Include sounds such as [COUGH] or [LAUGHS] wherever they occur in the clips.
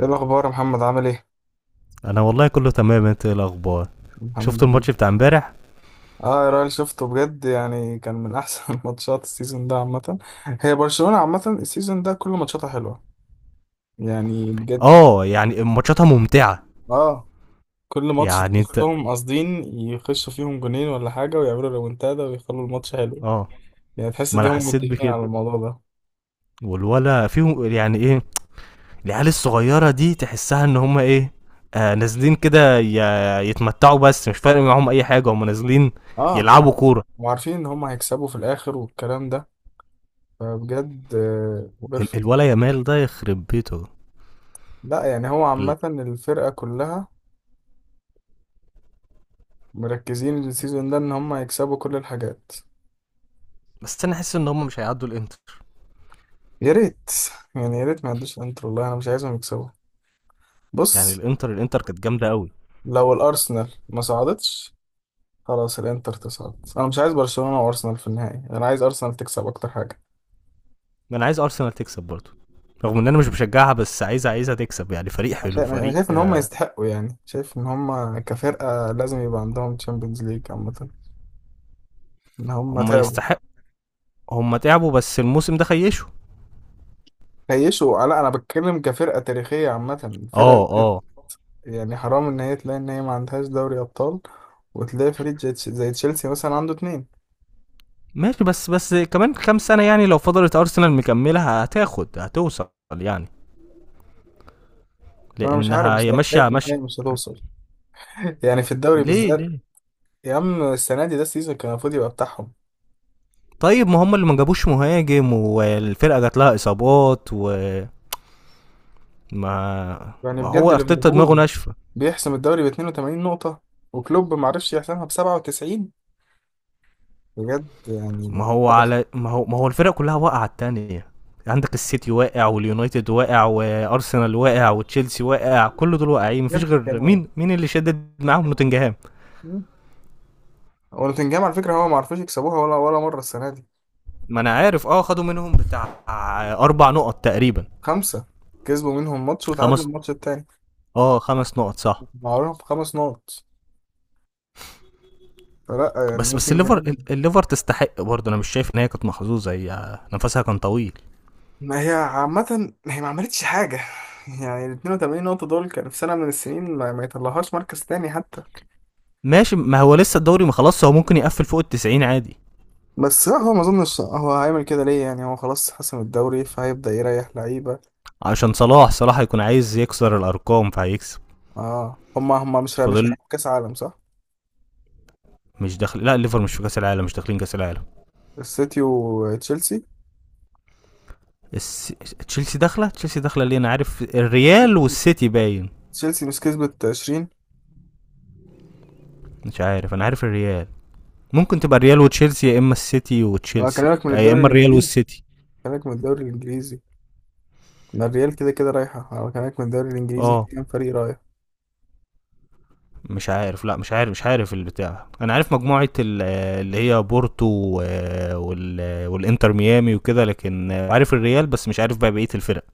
ايه الاخبار يا محمد، عامل ايه؟ انا والله كله تمام، انت ايه الاخبار؟ الحمد شفت الماتش لله. بتاع امبارح؟ اه، يا راجل، شفته بجد. يعني كان من احسن [LAUGHS] ماتشات السيزون ده عامه. هي برشلونه عامه السيزون ده كل ماتشاتها حلوه. يعني بجد. اه، يعني ماتشاتها ممتعه. اه. كل ماتش يعني انت. تحسهم قاصدين يخشوا فيهم جونين ولا حاجه ويعملوا ريمونتادا ويخلوا الماتش حلو. اه. يعني تحس ما ان انا هم حسيت متفقين على بكده. الموضوع ده. والولا فيهم يعني ايه. العيال الصغيره دي تحسها ان هم ايه. آه، نازلين كده يتمتعوا، بس مش فارق معاهم اي حاجه، هم نازلين اه يلعبوا كوره. وعارفين ان هم هيكسبوا في الاخر والكلام ده. فبجد بيرفكت. الولا يامال ده يخرب بيته. لا، يعني هو ال- عامه الفرقه كلها مركزين السيزون ده ان هم يكسبوا كل الحاجات. بس انا حاسس ان هم مش هيعدوا الانتر. يا ريت. يعني يا ريت ما يعدوش الانتر، والله انا مش عايزهم يكسبوا. يعني بص. الانتر كانت جامده قوي. لو الارسنال ما صعدتش خلاص الانتر تصعد. انا مش عايز برشلونة وارسنال في النهائي، انا عايز ارسنال تكسب اكتر حاجة. ما انا عايز ارسنال تكسب برضه، رغم ان انا مش بشجعها، بس عايزها تكسب. يعني فريق عشان حلو، انا فريق شايف ان هم يستحقوا، يعني شايف ان هم كفرقة لازم يبقى عندهم تشامبيونز ليج عامة. ان هم هم تعبوا. يستحق. هم تعبوا بس الموسم ده خيشوا. خيشوا؟ لا، انا بتكلم كفرقة تاريخية عامة اه، الفرقة دي. اه. يعني حرام ان هي تلاقي ان هي ما عندهاش دوري ابطال، وتلاقي فريق زي زي تشيلسي مثلا عنده اتنين. ماشي، بس كمان كام سنه، يعني لو فضلت ارسنال مكمله هتاخد، هتوصل، يعني، فانا مش عارف لانها هي بصراحه، ماشيه شايف ان هي ماشيه. مش هتوصل. [LAUGHS] يعني في الدوري ليه، بالذات. ليه؟ يا عم، السنه دي ده السيزون كان المفروض يبقى بتاعهم. طيب ما هم اللي ما جابوش مهاجم، والفرقه جات لها اصابات، وما. يعني ما بجد هو ارتيتا دماغه ليفربول ناشفه. بيحسم الدوري ب 82 نقطه، وكلوب ما عرفش يحسمها ب 97. بجد يعني ما هو، حدث. على، ما هو الفرق كلها واقعه على التانية. عندك السيتي واقع، واليونايتد واقع، وارسنال واقع، وتشيلسي واقع، كل دول واقعين، مفيش بجد غير كانوا. مين اللي شدد معاهم؟ نوتنجهام. مم. ونوتنجهام على فكره هو ما عرفوش يكسبوها ولا مره السنه دي. ما انا عارف، اه، خدوا منهم بتاع اربع نقط تقريبا. خمسه. كسبوا منهم ماتش وتعادلوا خمس. الماتش التاني. اه، خمس نقط، صح. معاهم خمس نقط. فلا يعني بس الليفر، نوتنجهام. الليفر تستحق برضه. انا مش شايف ان هي كانت محظوظه، هي نفسها كان طويل. ما هي عامة هي ما عملتش حاجة. يعني ال 82 نقطة دول كانوا في سنة من السنين ما يطلعهاش مركز تاني حتى. ماشي، ما هو لسه الدوري ما خلاص، هو ممكن يقفل فوق التسعين عادي. بس لا، هو ما اظنش هو هيعمل كده. ليه؟ يعني هو خلاص حسم الدوري فهيبدأ يريح لعيبة. عشان صلاح هيكون عايز يكسر الارقام، فهيكسب. اه هما مش فاضل. هيلعبوا كأس عالم، صح؟ مش داخل، لا، الليفر مش في كاس العالم، مش داخلين كاس العالم. السيتي وتشيلسي. تشيلسي داخله، تشيلسي داخله. ليه؟ انا عارف الريال والسيتي باين. تشيلسي مش كسبت 20؟ مش عارف، انا عارف الريال. ممكن تبقى الريال وتشيلسي، يا اما السيتي انا وتشيلسي، بكلمك من لا، يا الدوري اما الريال الانجليزي. والسيتي. بكلمك من الدوري الانجليزي. ما الريال كده كده رايحة، انا بكلمك من الدوري الانجليزي، في اه. كام فريق رايح؟ مش عارف، لا، مش عارف البتاع. انا عارف مجموعه اللي هي بورتو وال والانتر ميامي وكده، لكن عارف الريال، بس مش عارف بقى بقيه الفرق.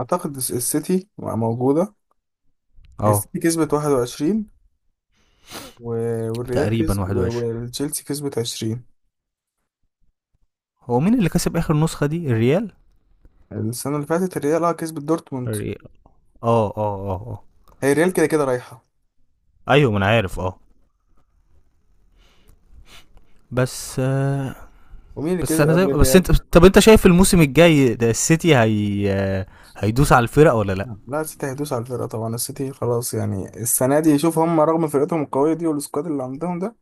اعتقد السيتي موجودة. اه، السيتي كسبت 21، والريال تقريبا كسب، 21. والتشيلسي كسبت 20. هو مين اللي كسب اخر نسخه دي؟ الريال. السنة اللي فاتت الريال اه كسبت دورتموند. الريال. اه، اه، اه، اه. هي الريال كده كده رايحة. ايوه، ما انا عارف، اه. بس ومين اللي بس كسب انا زي قبل بس الريال؟ انت، طب انت شايف الموسم الجاي ده السيتي هي هيدوس على الفرق ولا لا؟ لا، السيتي هيدوس على الفرقة طبعا. السيتي خلاص، يعني السنة دي شوف هم رغم فرقتهم القوية دي والسكواد اللي عندهم ده،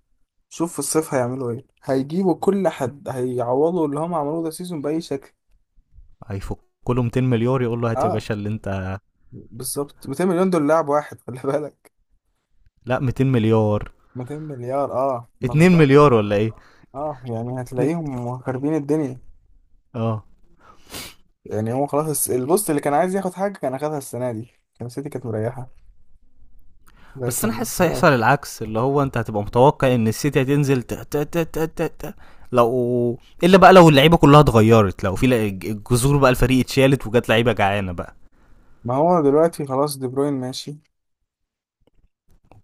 شوف في الصيف هيعملوا ايه، هيجيبوا كل حد، هيعوضوا اللي هم عملوه ده سيزون بأي شكل. هيفك. كله 200 مليار يقول له هات يا اه باشا اللي انت. بالظبط. 200 مليون دول لاعب واحد خلي بالك. لا، 200 مليار. 200 مليار، اه، ما 2 بالظبط. مليار ولا ايه؟ اه، يعني اتنين- هتلاقيهم خاربين الدنيا. اه. يعني هو خلاص البوست اللي كان عايز ياخد حاجة كان أخدها السنة دي. كان سيتي كانت مريحة. بس انا لكن حاسس هيحصل خلاص. العكس، اللي هو انت هتبقى متوقع ان السيتي هتنزل لو، الا بقى لو اللعيبه كلها اتغيرت، لو في الجذور بقى، الفريق اتشالت وجات لعيبه جعانه بقى. ما هو دلوقتي خلاص دي بروين ماشي.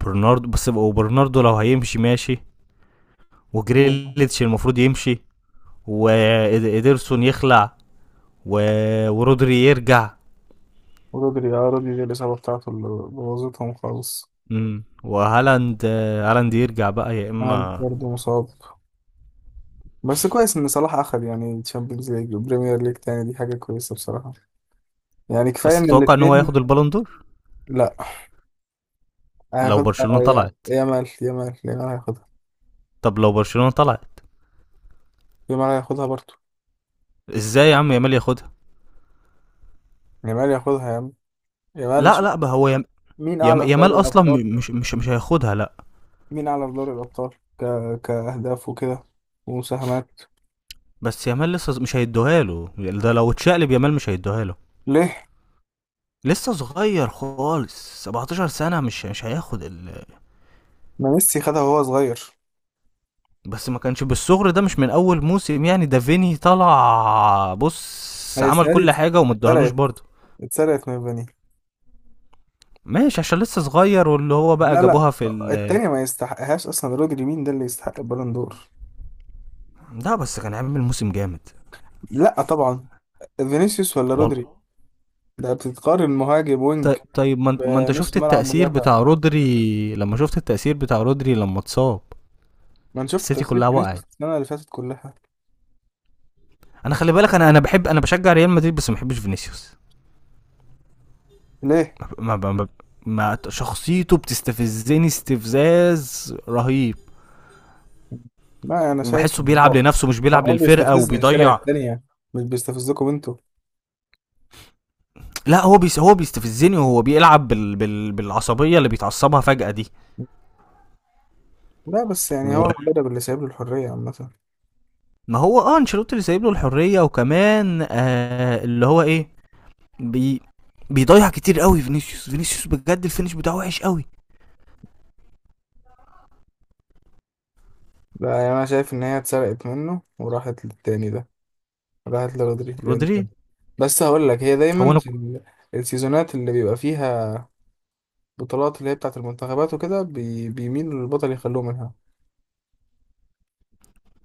برناردو بس، وبرناردو لو هيمشي ماشي. و- وجريليتش المفروض يمشي. وإيدرسون يخلع. و... ورودري يرجع. ورودري اه رودري دي الإصابة بتاعته اللي بوظتهم خالص. وهالاند. هالاند يرجع بقى، يا هالاند اما. برضه مصاب. بس كويس إن صلاح أخد يعني تشامبيونز ليج وبريمير ليج تاني، دي حاجة كويسة بصراحة. يعني كفاية بس إن تتوقع ان هو الاتنين. ياخد البالون دور؟ لأ. لو هياخدها برشلونه طلعت. يامال، يامال، يامال هياخدها. طب لو برشلونه طلعت. يامال هياخدها برضه. ازاي يا عم يامال ياخدها؟ يامال ياخدها يا عم. يامال لا شوف. لا بقى، هو مين أعلى في يامال دوري اصلا الأبطال؟ مش هياخدها، لا. مين على في دوري الأبطال ك... كأهداف وكده، ومساهمات. بس يامال لسه مش هيدوها له، يعني ده لو اتشقلب يامال مش هيدوها له. ليه؟ لسه صغير خالص، 17 سنه، مش مش هياخد ما ميسي خدها وهو صغير. بس ما كانش بالصغر ده، مش من اول موسم، يعني ده فيني طلع ما بص هي عمل السنة دي كل حاجه وما ادوهالوش اتسرقت. برضه. اتسرقت من فاني. ماشي، عشان لسه صغير، واللي هو بقى لا، لا. جابوها في ال. التانية ما يستحقهاش أصلا. رودري مين ده اللي يستحق البالون دور؟ ده بس كان عامل موسم جامد. لا طبعا. فينيسيوس ولا رودري؟ والله. ده بتتقارن مهاجم وينج ط- طيب، ما انت بنص شفت ملعب التأثير مدافع؟ بتاع رودري، لما شفت التأثير بتاع رودري لما اتصاب ما أنا شفت السيتي تفسير كلها فينيسيوس وقعت. السنة اللي فاتت كلها. انا خلي بالك، انا، بحب، انا بشجع ريال مدريد، بس ما بحبش فينيسيوس. ليه؟ ما, ما, ما, ما شخصيته بتستفزني استفزاز رهيب. لا، أنا شايف وبحسه إن هو بيلعب لنفسه مش بيلعب هو للفرقة، بيستفز الفرق وبيضيع. التانية، مش بيستفزكم انتوا. لا، هو بيستفزني، وهو بيلعب بالعصبيه اللي بيتعصبها فجاه دي. لا بس يعني هو وما، المدرب اللي سايب له الحرية عامة. هو، اه، انشيلوتي اللي سايب له الحريه، وكمان آه اللي هو ايه. بي... بيضيع كتير قوي فينيسيوس. فينيسيوس بجد الفينش بتاعه وحش قوي. لا، يعني أنا شايف إن هي اتسرقت منه وراحت للتاني ده. راحت لرودريج، لأن رودري. بس هقول لك هي هو دايما انا. في السيزونات اللي بيبقى فيها بطولات اللي هي بتاعة المنتخبات وكده بيميلوا للبطل يخلوه منها.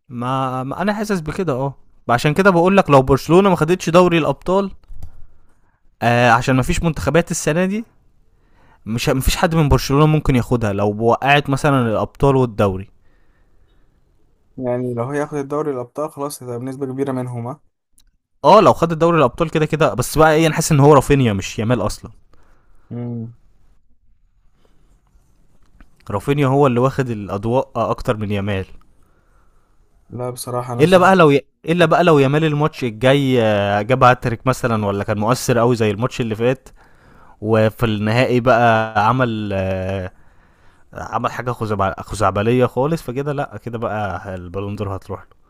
ما انا حاسس بكده، اه. عشان كده بقول لك، لو برشلونه ما خدتش دوري الابطال، آه، عشان ما فيش منتخبات السنه دي، مش، مفيش حد من برشلونه ممكن ياخدها لو وقعت مثلا الابطال والدوري. يعني لو هياخد الدوري الأبطال خلاص هتبقى بنسبة كبيرة منهم ها. اه، لو خد دوري الابطال كده كده. بس بقى ايه، انا حاسس ان هو رافينيا مش يامال اصلا. مم. رافينيا هو اللي واخد الاضواء اكتر من يامال. لا، بصراحة أنا شايف. الا بقى لو يامال الماتش الجاي جاب هاتريك مثلا، ولا كان مؤثر قوي زي الماتش اللي فات، وفي النهائي بقى عمل عمل حاجه خزعبليه خالص، فكده لا، كده بقى البالون دور هتروح له.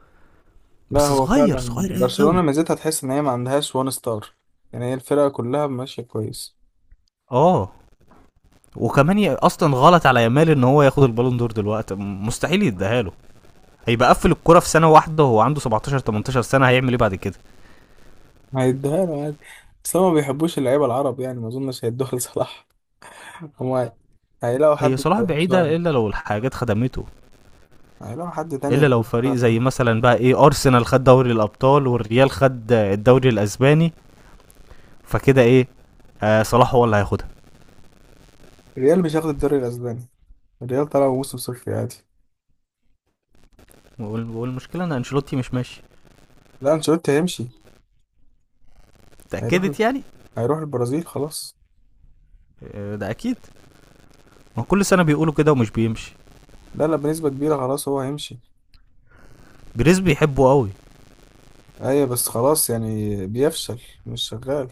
لا، بس هو صغير، فعلا. صغير برشلونة قوي. ميزتها تحس إن هي ما عندهاش وان ستار. يعني هي الفرقة كلها ماشية كويس. اه، وكمان اصلا غلط على يامال ان هو ياخد البالون دور دلوقتي، مستحيل يديها له. هيبقى قفل الكرة في سنة واحدة وهو عنده 17، 18 سنة، هيعمل ايه بعد كده؟ هيدوها له عادي. بس هما ما بيحبوش اللعيبة العرب، يعني ما اظنش هيدوها لصلاح. [LAUGHS] هما هيلاقوا هي حد صلاح يكوبسوها بعيدة إلا له. لو الحاجات خدمته. هيلاقوا حد تاني إلا لو يكوبسوها فريق زي له. مثلا بقى ايه أرسنال خد دوري الأبطال، والريال خد الدوري الأسباني، فكده ايه، آه، صلاح هو اللي هياخدها. الريال مش هياخد الدوري الاسباني. الريال طلع موسم صفر عادي. والمشكلة إن أنشيلوتي مش ماشي. لا، انشيلوتي هيمشي. هيروح ال... اتأكدت يعني؟ هيروح البرازيل خلاص. آه، ده أكيد. ما كل سنة بيقولوا كده ومش بيمشي. لا لا، بنسبة كبيرة خلاص هو هيمشي. جريز بيحبه قوي. ايوه بس خلاص يعني بيفشل. مش شغال.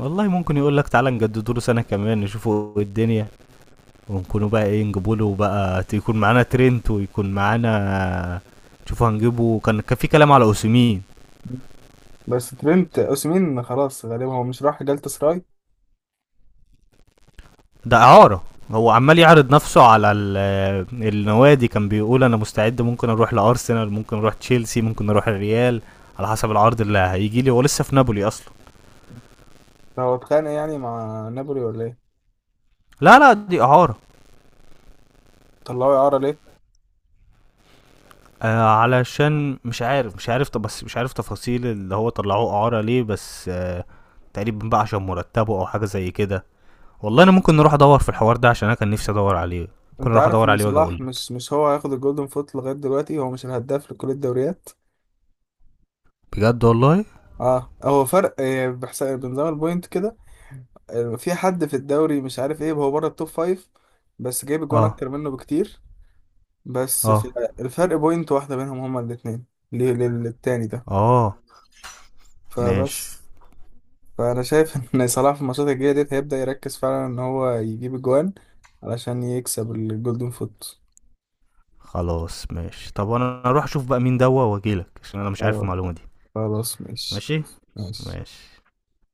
والله ممكن يقول لك تعالى نجددوا له سنة كمان نشوفوا الدنيا، ونكونوا بقى ايه، نجيبوا له بقى، يكون معانا ترينت، ويكون معانا. شوفوا هنجيبه، كان في كلام على اوسيمين. بس ترينت اوسيمين خلاص غالبا هو مش راح جالتا سراي. ده اعاره. هو عمال يعرض نفسه على النوادي، كان بيقول انا مستعد، ممكن اروح لارسنال، ممكن اروح تشيلسي، ممكن اروح الريال، على حسب العرض اللي هيجي لي. هو لسه في نابولي اصلا. فهو اتخانق يعني مع نابولي ولا ايه؟ لا لا، دي اعاره. طلعوه اعارة ليه؟ آه، علشان مش عارف، طب بس مش عارف تفاصيل اللي هو طلعوه اعاره ليه، بس آه، تقريبا بقى عشان مرتبه او حاجه زي كده. والله انا ممكن نروح ادور في الحوار ده، عشان انا كان نفسي ادور عليه، ممكن انت اروح عارف ادور ان عليه واجي صلاح اقولك. مش هو هياخد الجولدن فوت لغايه دلوقتي؟ هو مش الهداف لكل الدوريات. بجد والله. اه، هو فرق بحساب بنظام البوينت كده. في حد في الدوري مش عارف ايه هو بره التوب فايف، بس جايب جوان اه، اكتر منه بكتير. بس في اه، الفرق بوينت واحده بينهم هما الاثنين للتاني ده. اه. ماشي فبس. فانا شايف [LAUGHS] ان صلاح في الماتشات الجايه ديت هيبدا يركز فعلا ان هو يجيب الجوان علشان يكسب الجولدن فوت. خلاص. ماشي، طب انا اروح اشوف بقى مين دوا واجيلك عشان انا مش عارف اه، المعلومه دي. خلاص ماشي. ماشي. ماشي. ماشي.